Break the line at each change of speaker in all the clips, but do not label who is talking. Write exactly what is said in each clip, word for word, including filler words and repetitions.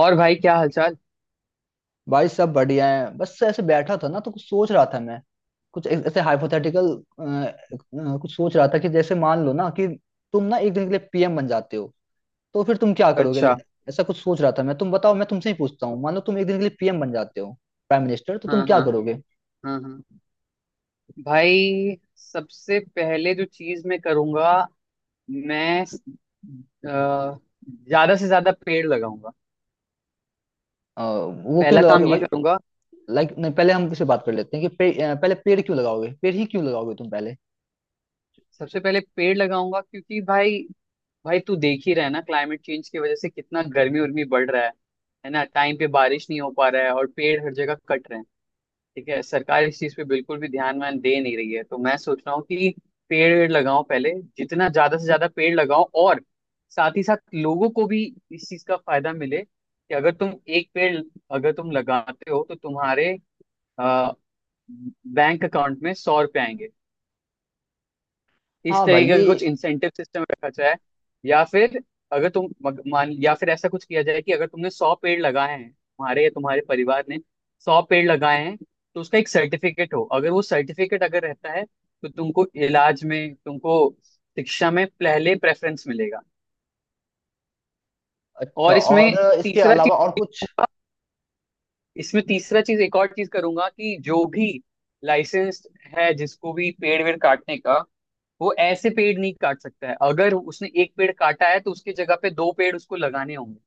और भाई, क्या हालचाल?
भाई सब बढ़िया है। बस ऐसे बैठा था ना, तो कुछ सोच रहा था मैं। कुछ ऐ- ऐसे हाइपोथेटिकल कुछ सोच रहा था कि जैसे मान लो ना, कि तुम ना एक दिन के लिए पी एम बन जाते हो, तो फिर तुम क्या करोगे।
अच्छा।
ऐसा कुछ सोच रहा था मैं। तुम बताओ, मैं तुमसे ही पूछता हूँ, मान लो तुम एक दिन के लिए पीएम बन जाते हो, प्राइम मिनिस्टर, तो तुम
हाँ
क्या
हाँ।
करोगे।
हाँ हाँ। भाई, सबसे पहले जो चीज मैं करूंगा, मैं अ, ज्यादा से ज्यादा पेड़ लगाऊंगा।
अ, वो क्यों
पहला
लगाओगे
काम ये
भाई।
करूंगा।
लाइक नहीं, पहले हम किसी बात कर लेते हैं कि पे, अ, पहले पेड़ क्यों लगाओगे, पेड़ ही क्यों लगाओगे तुम पहले।
सबसे पहले पेड़ लगाऊंगा, क्योंकि भाई, भाई तू देख ही रहा है ना, क्लाइमेट चेंज की वजह से कितना गर्मी उर्मी बढ़ रहा है। है ना, टाइम पे बारिश नहीं हो पा रहा है और पेड़ हर जगह कट रहे हैं। ठीक है, सरकार इस चीज पे बिल्कुल भी ध्यान वान दे नहीं रही है, तो मैं सोच रहा हूँ कि पेड़ वेड़ लगाओ पहले। जितना ज्यादा से ज्यादा पेड़ लगाओ, और साथ ही साथ लोगों को भी इस चीज का फायदा मिले कि अगर तुम एक पेड़, अगर तुम लगाते हो, तो तुम्हारे अ, बैंक अकाउंट में सौ रुपए आएंगे। इस
हाँ भाई
तरीके
ये।
का कुछ इंसेंटिव सिस्टम रखा जाए। या फिर अगर तुम मग- मान, या फिर ऐसा कुछ किया जाए कि अगर तुमने सौ पेड़ लगाए हैं, तुम्हारे या तुम्हारे परिवार ने सौ पेड़ लगाए हैं, तो उसका एक सर्टिफिकेट हो। अगर वो सर्टिफिकेट अगर रहता है, तो तुमको इलाज में, तुमको शिक्षा में पहले प्रेफरेंस मिलेगा।
अच्छा,
और
और
इसमें
इसके
तीसरा चीज,
अलावा और कुछ।
इसमें तीसरा चीज एक और चीज करूंगा कि जो भी लाइसेंस है, जिसको भी पेड़ वेड़ काटने का, वो ऐसे पेड़ नहीं काट सकता है। अगर उसने एक पेड़ काटा है तो उसकी जगह पे दो पेड़ उसको लगाने होंगे।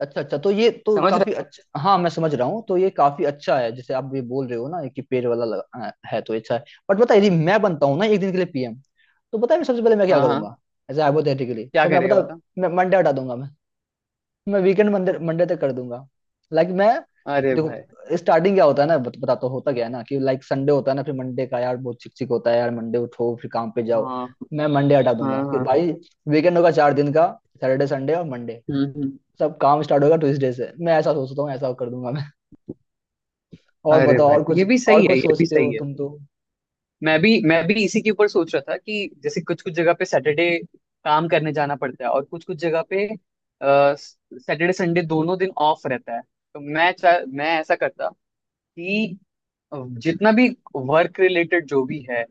अच्छा अच्छा, तो ये तो
समझ
काफी
रहे
अच्छा। हाँ मैं समझ रहा हूँ, तो ये काफी अच्छा है, जैसे आप भी बोल रहे हो ना कि पेड़ वाला लगा, अ, है तो अच्छा है। बट बता, यदि मैं बनता हूँ ना एक दिन के लिए पीएम, तो पता है मैं सबसे पहले मैं
हैं?
क्या
हाँ हाँ।
करूंगा। एज हाइपोथेटिकली,
क्या
तो मैं
करेगा,
पता,
बता?
मैं मंडे हटा दूंगा। मैं मैं वीकेंड मंडे मंडे तक कर दूंगा। लाइक मैं,
अरे भाई।
देखो स्टार्टिंग क्या होता है ना, बत, बताता हूँ, होता क्या है ना कि लाइक संडे होता है ना, फिर मंडे का यार बहुत चिक चिक होता है यार, मंडे उठो फिर काम पे जाओ।
हाँ
मैं मंडे हटा दूंगा
हाँ
कि
हाँ।
भाई, वीकेंड होगा चार दिन का। सैटरडे, संडे और मंडे,
हम्म हम्म।
सब काम स्टार्ट होगा ट्यूसडे से। मैं ऐसा सोचता हूँ, ऐसा कर दूंगा मैं। और
अरे
बताओ, और
भाई,
कुछ
ये भी
और
सही है,
कुछ
ये भी
सोचते हो
सही है।
तुम तो।
मैं भी मैं भी इसी के ऊपर सोच रहा था कि जैसे कुछ कुछ जगह पे सैटरडे काम करने जाना पड़ता है, और कुछ कुछ जगह पे सैटरडे संडे दोनों दिन ऑफ रहता है। तो मैं चाह मैं ऐसा करता कि जितना भी वर्क रिलेटेड जो भी है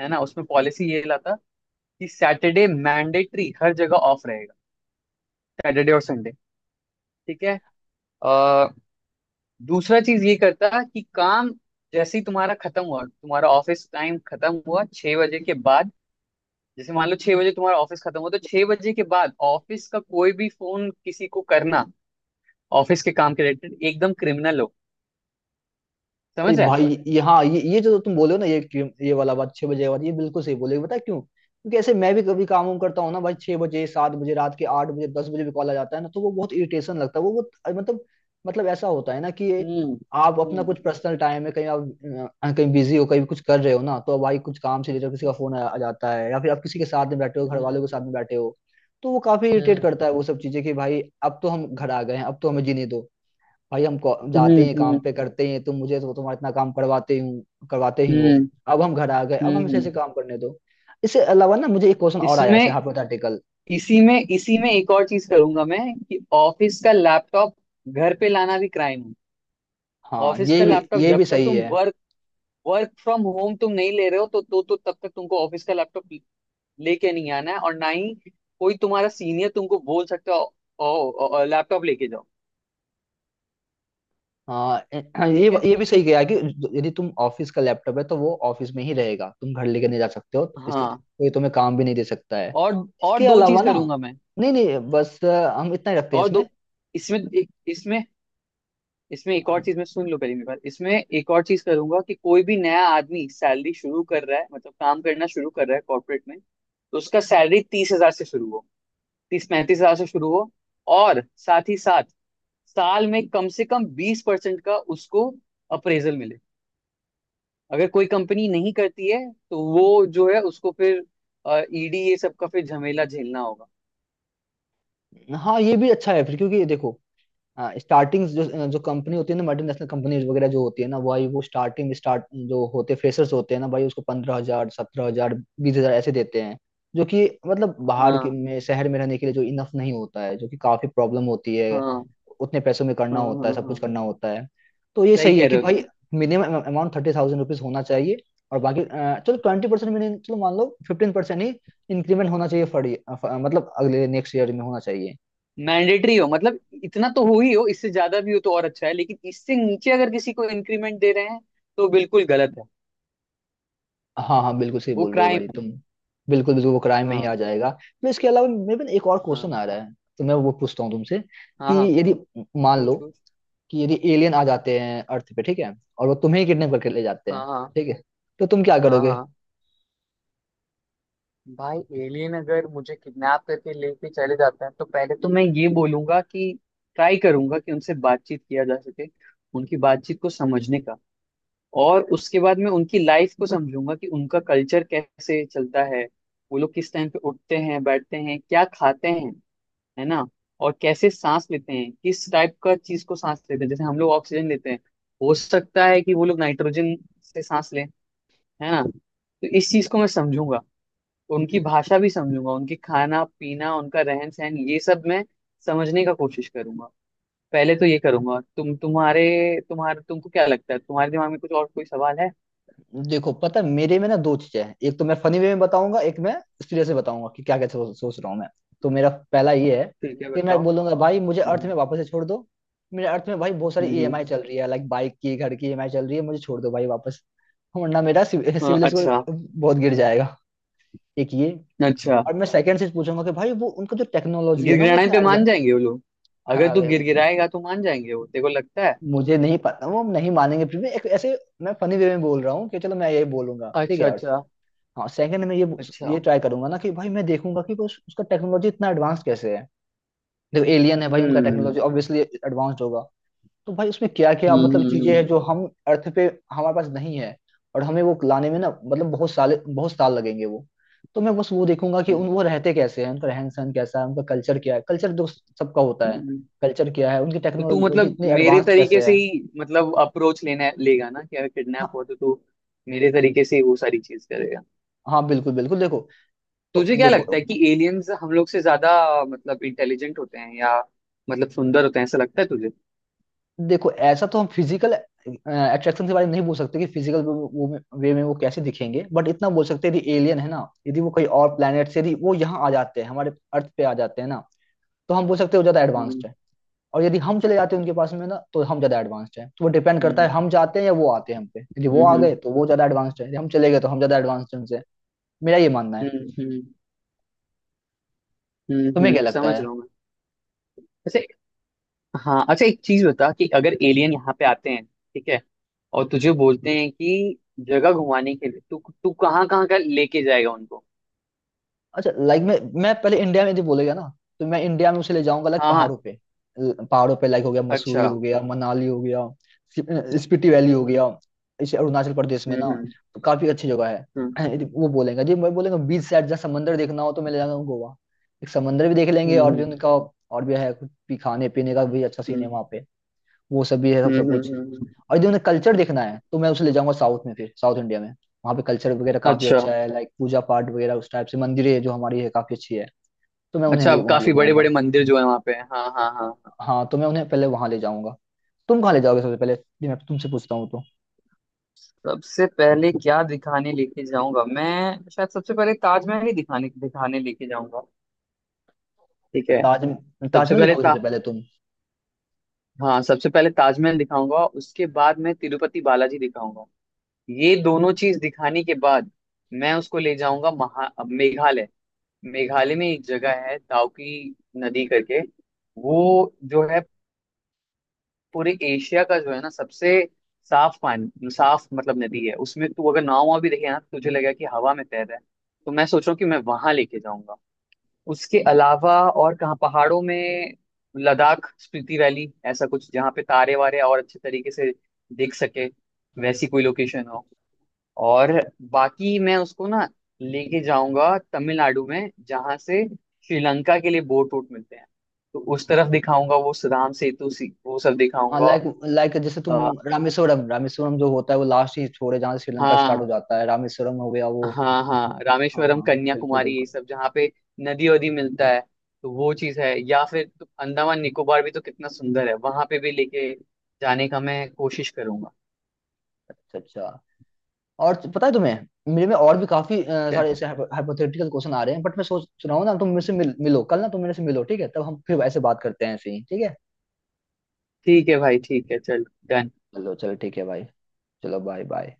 है ना, उसमें पॉलिसी ये लाता कि सैटरडे मैंडेटरी हर जगह ऑफ रहेगा, सैटरडे और संडे। ठीक है। आ, दूसरा चीज ये करता कि काम जैसे ही तुम्हारा खत्म हुआ, तुम्हारा ऑफिस टाइम खत्म हुआ, छह बजे के बाद, जैसे मान लो छह बजे तुम्हारा ऑफिस खत्म हुआ, तो छह बजे के बाद ऑफिस का कोई भी फोन किसी को करना, ऑफिस के काम के रिलेटेड, एकदम क्रिमिनल हो।
अरे
समझ रहे?
भाई ये, हाँ, ये ये जो तुम बोले हो ना, ये क्यों- ये वाला बात छह बजे वाली ये बिल्कुल सही बोले। बता क्यों, क्योंकि ऐसे मैं भी कभी काम वाम करता हूँ ना भाई, छह बजे, सात बजे, रात के आठ बजे, दस बजे भी कॉल आ जाता है ना, तो वो बहुत इरिटेशन लगता है वो बहुत। मतलब मतलब ऐसा होता है ना कि ये,
हम्म।
आप अपना
हम्म।
कुछ पर्सनल टाइम है, कहीं आप अ, कहीं बिजी हो, कहीं कुछ कर रहे हो ना, तो भाई कुछ काम से रिलेटेड किसी का फोन आ, आ जाता है, या फिर आप किसी के साथ में बैठे हो, घर वालों के साथ
हम्म।
में बैठे हो, तो वो काफी इरिटेट करता
हम्म।
है वो सब चीजें। कि भाई अब तो हम घर आ गए हैं, अब तो हमें जीने दो। भाई हम को-
हम्म।
जाते हैं काम
हम्म।
पे, करते हैं। तुम मुझे तो तुम्हारा इतना काम करवाते हूँ, करवाते ही
हम्म।
हो। अब हम घर आ गए, अब हम
हम्म,
इसे
हम्म।
ऐसे काम करने दो। इससे अलावा ना, मुझे एक क्वेश्चन और आया ऐसे
इसमें,
हाइपोथेटिकल।
इसी में इसी में एक और चीज करूंगा मैं, कि ऑफिस का लैपटॉप घर पे लाना भी क्राइम है।
हाँ
ऑफिस
ये
का
भी,
लैपटॉप,
ये
जब
भी
तक
सही
तुम
है।
वर्क वर्क फ्रॉम होम तुम नहीं ले रहे हो, तो तो तो तब तक तुमको ऑफिस का लैपटॉप लेके नहीं आना है, और ना ही कोई तुम्हारा सीनियर तुमको बोल सकता है लैपटॉप लेके जाओ।
हाँ ए- हाँ, ये
ठीक है।
ये भी सही गया कि यदि तुम ऑफिस का लैपटॉप है तो वो ऑफिस में ही रहेगा, तुम घर लेके नहीं जा सकते हो, इसलिए तु-
हाँ।
कोई तुम्हें काम भी नहीं दे सकता है।
और और
इसके
दो
अलावा
चीज
ना,
करूंगा मैं।
नहीं नहीं, बस अ, हम इतना ही रखते हैं
और
इसमें।
दो, इसमें इसमें इसमें एक और चीज, मैं, सुन लो पहले मेरी बात। इसमें एक और चीज करूंगा, कि कोई भी नया आदमी सैलरी शुरू कर रहा है, मतलब काम करना शुरू कर रहा है कॉर्पोरेट में, तो उसका सैलरी तीस हजार से शुरू हो, तीस पैंतीस हजार से शुरू हो। और साथ ही साथ साल में कम से कम बीस परसेंट का उसको अप्रेजल मिले। अगर कोई कंपनी नहीं करती है, तो वो जो है, उसको फिर ई डी, ये सब का फिर झमेला झेलना होगा।
हाँ ये भी अच्छा है फिर, क्योंकि देखो, हाँ स्टार्टिंग, जो जो कंपनी होती है ना, मल्टीनेशनल कंपनीज वगैरह जो होती है ना भाई, वो स्टार्टिंग स्टार्ट जो होते, फ्रेशर्स होते हैं ना भाई, उसको पंद्रह हजार, सत्रह हजार, बीस हजार ऐसे देते हैं, जो कि मतलब बाहर के
हाँ
में शहर में रहने के लिए जो इनफ नहीं होता है, जो कि काफी प्रॉब्लम होती है।
हाँ
उतने पैसों में
हाँ
करना
हाँ
होता है,
हाँ
सब कुछ
हाँ।
करना होता है। तो ये
सही
सही है
कह
कि
रहे हो
भाई
तुम।
Minimum amount thirty thousand rupees होना चाहिए। और बाकी अ, चलो ट्वेंटी परसेंट मिनिमम, चलो मान लो फिफ्टीन परसेंट ही इंक्रीमेंट होना चाहिए, फर, मतलब अगले नेक्स्ट ईयर में होना चाहिए।
मैंडेटरी हो, मतलब इतना तो हो ही, हो इससे ज्यादा भी हो तो और अच्छा है, लेकिन इससे नीचे अगर किसी को इंक्रीमेंट दे रहे हैं, तो बिल्कुल गलत है।
हाँ हाँ, बिल्कुल सही
वो
बोल रहे हो
क्राइम
भाई
है।
तुम। बिल्कुल बिल्कुल, वो क्राइम में ही आ
हाँ
जाएगा। मैं इसके अलावा मेरे पास एक और
हाँ
क्वेश्चन आ रहा है, तो मैं वो पूछता हूँ तुमसे कि
हाँ हाँ।
यदि मान लो
पूछ पूछ।
कि यदि एलियन आ जाते हैं अर्थ पे, ठीक है, और वो तुम्हें ही किडनैप करके ले जाते हैं,
हाँ हाँ
ठीक है, तो तुम क्या
हाँ
करोगे।
हाँ। भाई, एलियन अगर मुझे किडनैप करके लेके चले जाते हैं, तो पहले तो मैं ये बोलूंगा कि ट्राई करूंगा कि उनसे बातचीत किया जा सके, उनकी बातचीत को समझने का। और उसके बाद मैं उनकी लाइफ को समझूंगा, कि उनका कल्चर कैसे चलता है, वो लोग किस टाइम पे उठते हैं, बैठते हैं, क्या खाते हैं, है ना, और कैसे सांस लेते हैं, किस टाइप का चीज को सांस लेते हैं। जैसे हम लोग ऑक्सीजन लेते हैं, हो सकता है कि वो लोग नाइट्रोजन से सांस लें, है ना। तो इस चीज को मैं समझूंगा, उनकी भाषा भी समझूंगा, उनकी खाना पीना, उनका रहन सहन, ये सब मैं समझने का कोशिश करूंगा। पहले तो ये करूंगा। तुम तुम्हारे तुम्हारे तुमको क्या लगता है, तुम्हारे दिमाग में कुछ और कोई सवाल है?
देखो, पता है मेरे में ना दो चीजें हैं, एक तो मैं फनी वे में बताऊंगा, एक मैं सीरियस में बताऊंगा, कि क्या क्या सोच सोच रहा हूँ मैं। तो मेरा पहला ये है
ठीक है,
कि मैं
बताओ।
बोलूंगा, भाई मुझे अर्थ
हम्म,
में वापस से छोड़ दो। मेरे अर्थ में भाई बहुत सारी
हम्म। हम्म।
ई एम आई चल रही है, लाइक बाइक की, घर की ई एम आई चल रही है, मुझे छोड़ दो भाई वापस। वरना मेरा
हाँ,
सिविल स्कोर
अच्छा।
बहुत गिर जाएगा। एक ये,
अच्छा।
और मैं सेकंड चीज पूछूंगा कि भाई वो उनका जो टेक्नोलॉजी है ना वो
गिड़गिड़ाने
इतना
पे मान
एडवांस।
जाएंगे वो लोग? अगर
हाँ
तू
वे-
गिड़गिड़ाएगा तो मान जाएंगे, वो तेरे को लगता है?
मुझे नहीं पता वो नहीं मानेंगे फिर भी एक ऐसे, मैं फनी वे में बोल रहा हूँ कि चलो मैं यही बोलूंगा, ठीक है
अच्छा।
अर्थ।
अच्छा।
हाँ सेकंड में ये
अच्छा।
ये ट्राई करूंगा ना कि भाई मैं देखूंगा कि बस उसका टेक्नोलॉजी इतना एडवांस कैसे है। देखो एलियन है भाई, उनका
हम्म।
टेक्नोलॉजी ऑब्वियसली एडवांस्ड होगा। तो भाई उसमें क्या क्या
हम्म।
मतलब चीजें
हम्म।
हैं जो हम अर्थ पे हमारे पास नहीं है, और हमें वो लाने में ना मतलब बहुत साल बहुत साल लगेंगे वो। तो मैं बस वो देखूंगा कि उन,
हम्म,
वो रहते कैसे हैं, उनका रहन सहन कैसा है, उनका कल्चर क्या है, कल्चर तो सबका होता
हम्म,
है।
हम्म।
कल्चर क्या है, उनकी
तो तू
टेक्नोलॉजी
मतलब
इतनी
मेरे
एडवांस्ड
तरीके
कैसे
से
है।
ही, मतलब अप्रोच लेना लेगा ना, कि अगर किडनैप
हाँ
हो तो तू मेरे तरीके से ही वो सारी चीज करेगा?
हाँ बिल्कुल बिल्कुल। देखो तो
तुझे क्या लगता
देखो
है कि एलियंस हम लोग से ज्यादा मतलब इंटेलिजेंट होते हैं, या मतलब सुंदर होते हैं, ऐसा लगता है तुझे?
देखो ऐसा तो हम फिजिकल अट्रैक्शन के बारे में नहीं बोल सकते कि फिजिकल वो में, वे में वो कैसे दिखेंगे, बट इतना बोल सकते हैं यदि एलियन है ना, यदि वो कहीं और प्लेनेट से यदि वो यहाँ आ जाते हैं, हमारे अर्थ पे आ जाते हैं ना, तो हम बोल सकते हैं वो ज्यादा
हम्म,
एडवांस्ड है। और यदि हम चले जाते हैं उनके पास में ना, तो हम ज्यादा एडवांस्ड हैं। तो वो डिपेंड करता है
हम्म,
हम जाते हैं या वो आते हैं हम पे। यदि वो आ
हम्म,
गए तो वो ज्यादा एडवांस्ड है, यदि हम चले गए तो हम ज्यादा एडवांस्ड हैं उनसे। मेरा ये मानना है।
हम्म, हम्म, हम्म,
तुम्हें
हम्म।
क्या लगता
समझ
है।
रहा हूँ। मैं, हाँ, अच्छा, एक चीज बता, कि अगर एलियन यहाँ पे आते हैं, ठीक है, और तुझे बोलते हैं कि जगह घुमाने के लिए, तू तू कहाँ कहाँ का लेके जाएगा उनको?
अच्छा लाइक, मैं मैं पहले इंडिया में यदि बोलेगा ना, तो मैं इंडिया में उसे ले जाऊंगा, लाइक
हाँ हाँ।
पहाड़ों पे, ल- पहाड़ों पे लाइक, हो गया मसूरी,
अच्छा।
हो गया मनाली, हो गया स्पि- स्पीति वैली, हो
हम्म
गया इसे अरुणाचल प्रदेश में ना,
हम्म
तो काफी अच्छी जगह
हम्म
है। यदि वो बोलेगा जी, मैं बोलेगा बीच साइड जहाँ समंदर देखना हो, तो मैं ले जाऊंगा गोवा। एक समंदर भी देख लेंगे,
हम्म
और भी
हम्म
उनका और भी है, कुछ भी खाने पीने का भी अच्छा सीन है
हम्म
वहाँ पे, वो सब भी है, सब सब
हम्म
कुछ।
हम्म, हम्म।
और यदि उन्हें कल्चर देखना है, तो मैं उसे ले जाऊंगा साउथ में, फिर साउथ इंडिया में वहाँ पे कल्चर वगैरह काफी
अच्छा,
अच्छा है, लाइक पूजा पाठ वगैरह, उस टाइप से मंदिरें जो हमारी है काफी अच्छी है। तो मैं उन्हें
अच्छा,
ले,
अब
वहाँ ले
काफी बड़े बड़े
जाऊंगा।
मंदिर जो है वहाँ पे, हाँ हाँ हाँ हाँ।
हाँ तो मैं उन्हें पहले वहाँ ले जाऊंगा। तुम कहाँ ले जाओगे सबसे पहले, ये मैं तुमसे पूछता हूँ तो।
सबसे पहले क्या दिखाने लेके जाऊंगा, मैं शायद सबसे पहले ताजमहल ही दिखाने दिखाने लेके जाऊंगा, ठीक है।
ताज,
सबसे
ताजमहल
पहले।
दिखाओगे सबसे पहले तुम।
हाँ, सबसे पहले ताजमहल दिखाऊंगा, उसके बाद मैं तिरुपति बालाजी दिखाऊंगा। ये दोनों चीज दिखाने के बाद मैं उसको ले जाऊंगा महा अब मेघालय। मेघालय में एक जगह है, दाउकी नदी करके। वो जो है, पूरे एशिया का, जो है ना, सबसे साफ पानी, साफ मतलब नदी है। उसमें तू अगर नाव वाव भी देखे ना, तो तुझे लगेगा कि हवा में तैर रहा है। तो मैं सोच रहा हूँ कि मैं वहां लेके जाऊंगा। उसके अलावा और कहाँ, पहाड़ों में लद्दाख, स्पीति वैली, ऐसा कुछ जहाँ पे तारे वारे और अच्छे तरीके से दिख सके, वैसी कोई लोकेशन हो। और बाकी मैं उसको ना लेके जाऊंगा तमिलनाडु में, जहाँ से श्रीलंका के लिए बोट रूट मिलते हैं। तो उस तरफ दिखाऊंगा, वो सुदाम सेतु सी, वो सब
हाँ
दिखाऊंगा।
लाइक लाइक जैसे तुम,
अ,
रामेश्वरम रामेश्वरम जो होता है वो लास्ट ही छोर है जहाँ से श्रीलंका स्टार्ट
हाँ
हो जाता है, रामेश्वरम हो गया वो।
हाँ हाँ,
हाँ
रामेश्वरम
हाँ बिल्कुल
कन्याकुमारी, ये
बिल्कुल।
सब जहाँ पे नदी वदी मिलता है, तो वो चीज है। या फिर तो अंडमान निकोबार भी तो कितना सुंदर है, वहां पे भी लेके जाने का मैं कोशिश करूंगा।
अच्छा अच्छा, और तो- पता है तुम्हें मेरे में और भी काफी अ,
ठीक है।
सारे ऐसे हाइपोथेटिकल क्वेश्चन आ रहे हैं, बट मैं सोच रहा हूँ ना, तुम मेरे से मिल, मिलो कल ना, तुम मेरे से मिलो, ठीक है, तब हम फिर ऐसे बात करते हैं ऐसे ही, ठीक है।
ठीक है भाई, ठीक है चल। done।
चलो चलो ठीक है भाई। चलो बाय बाय।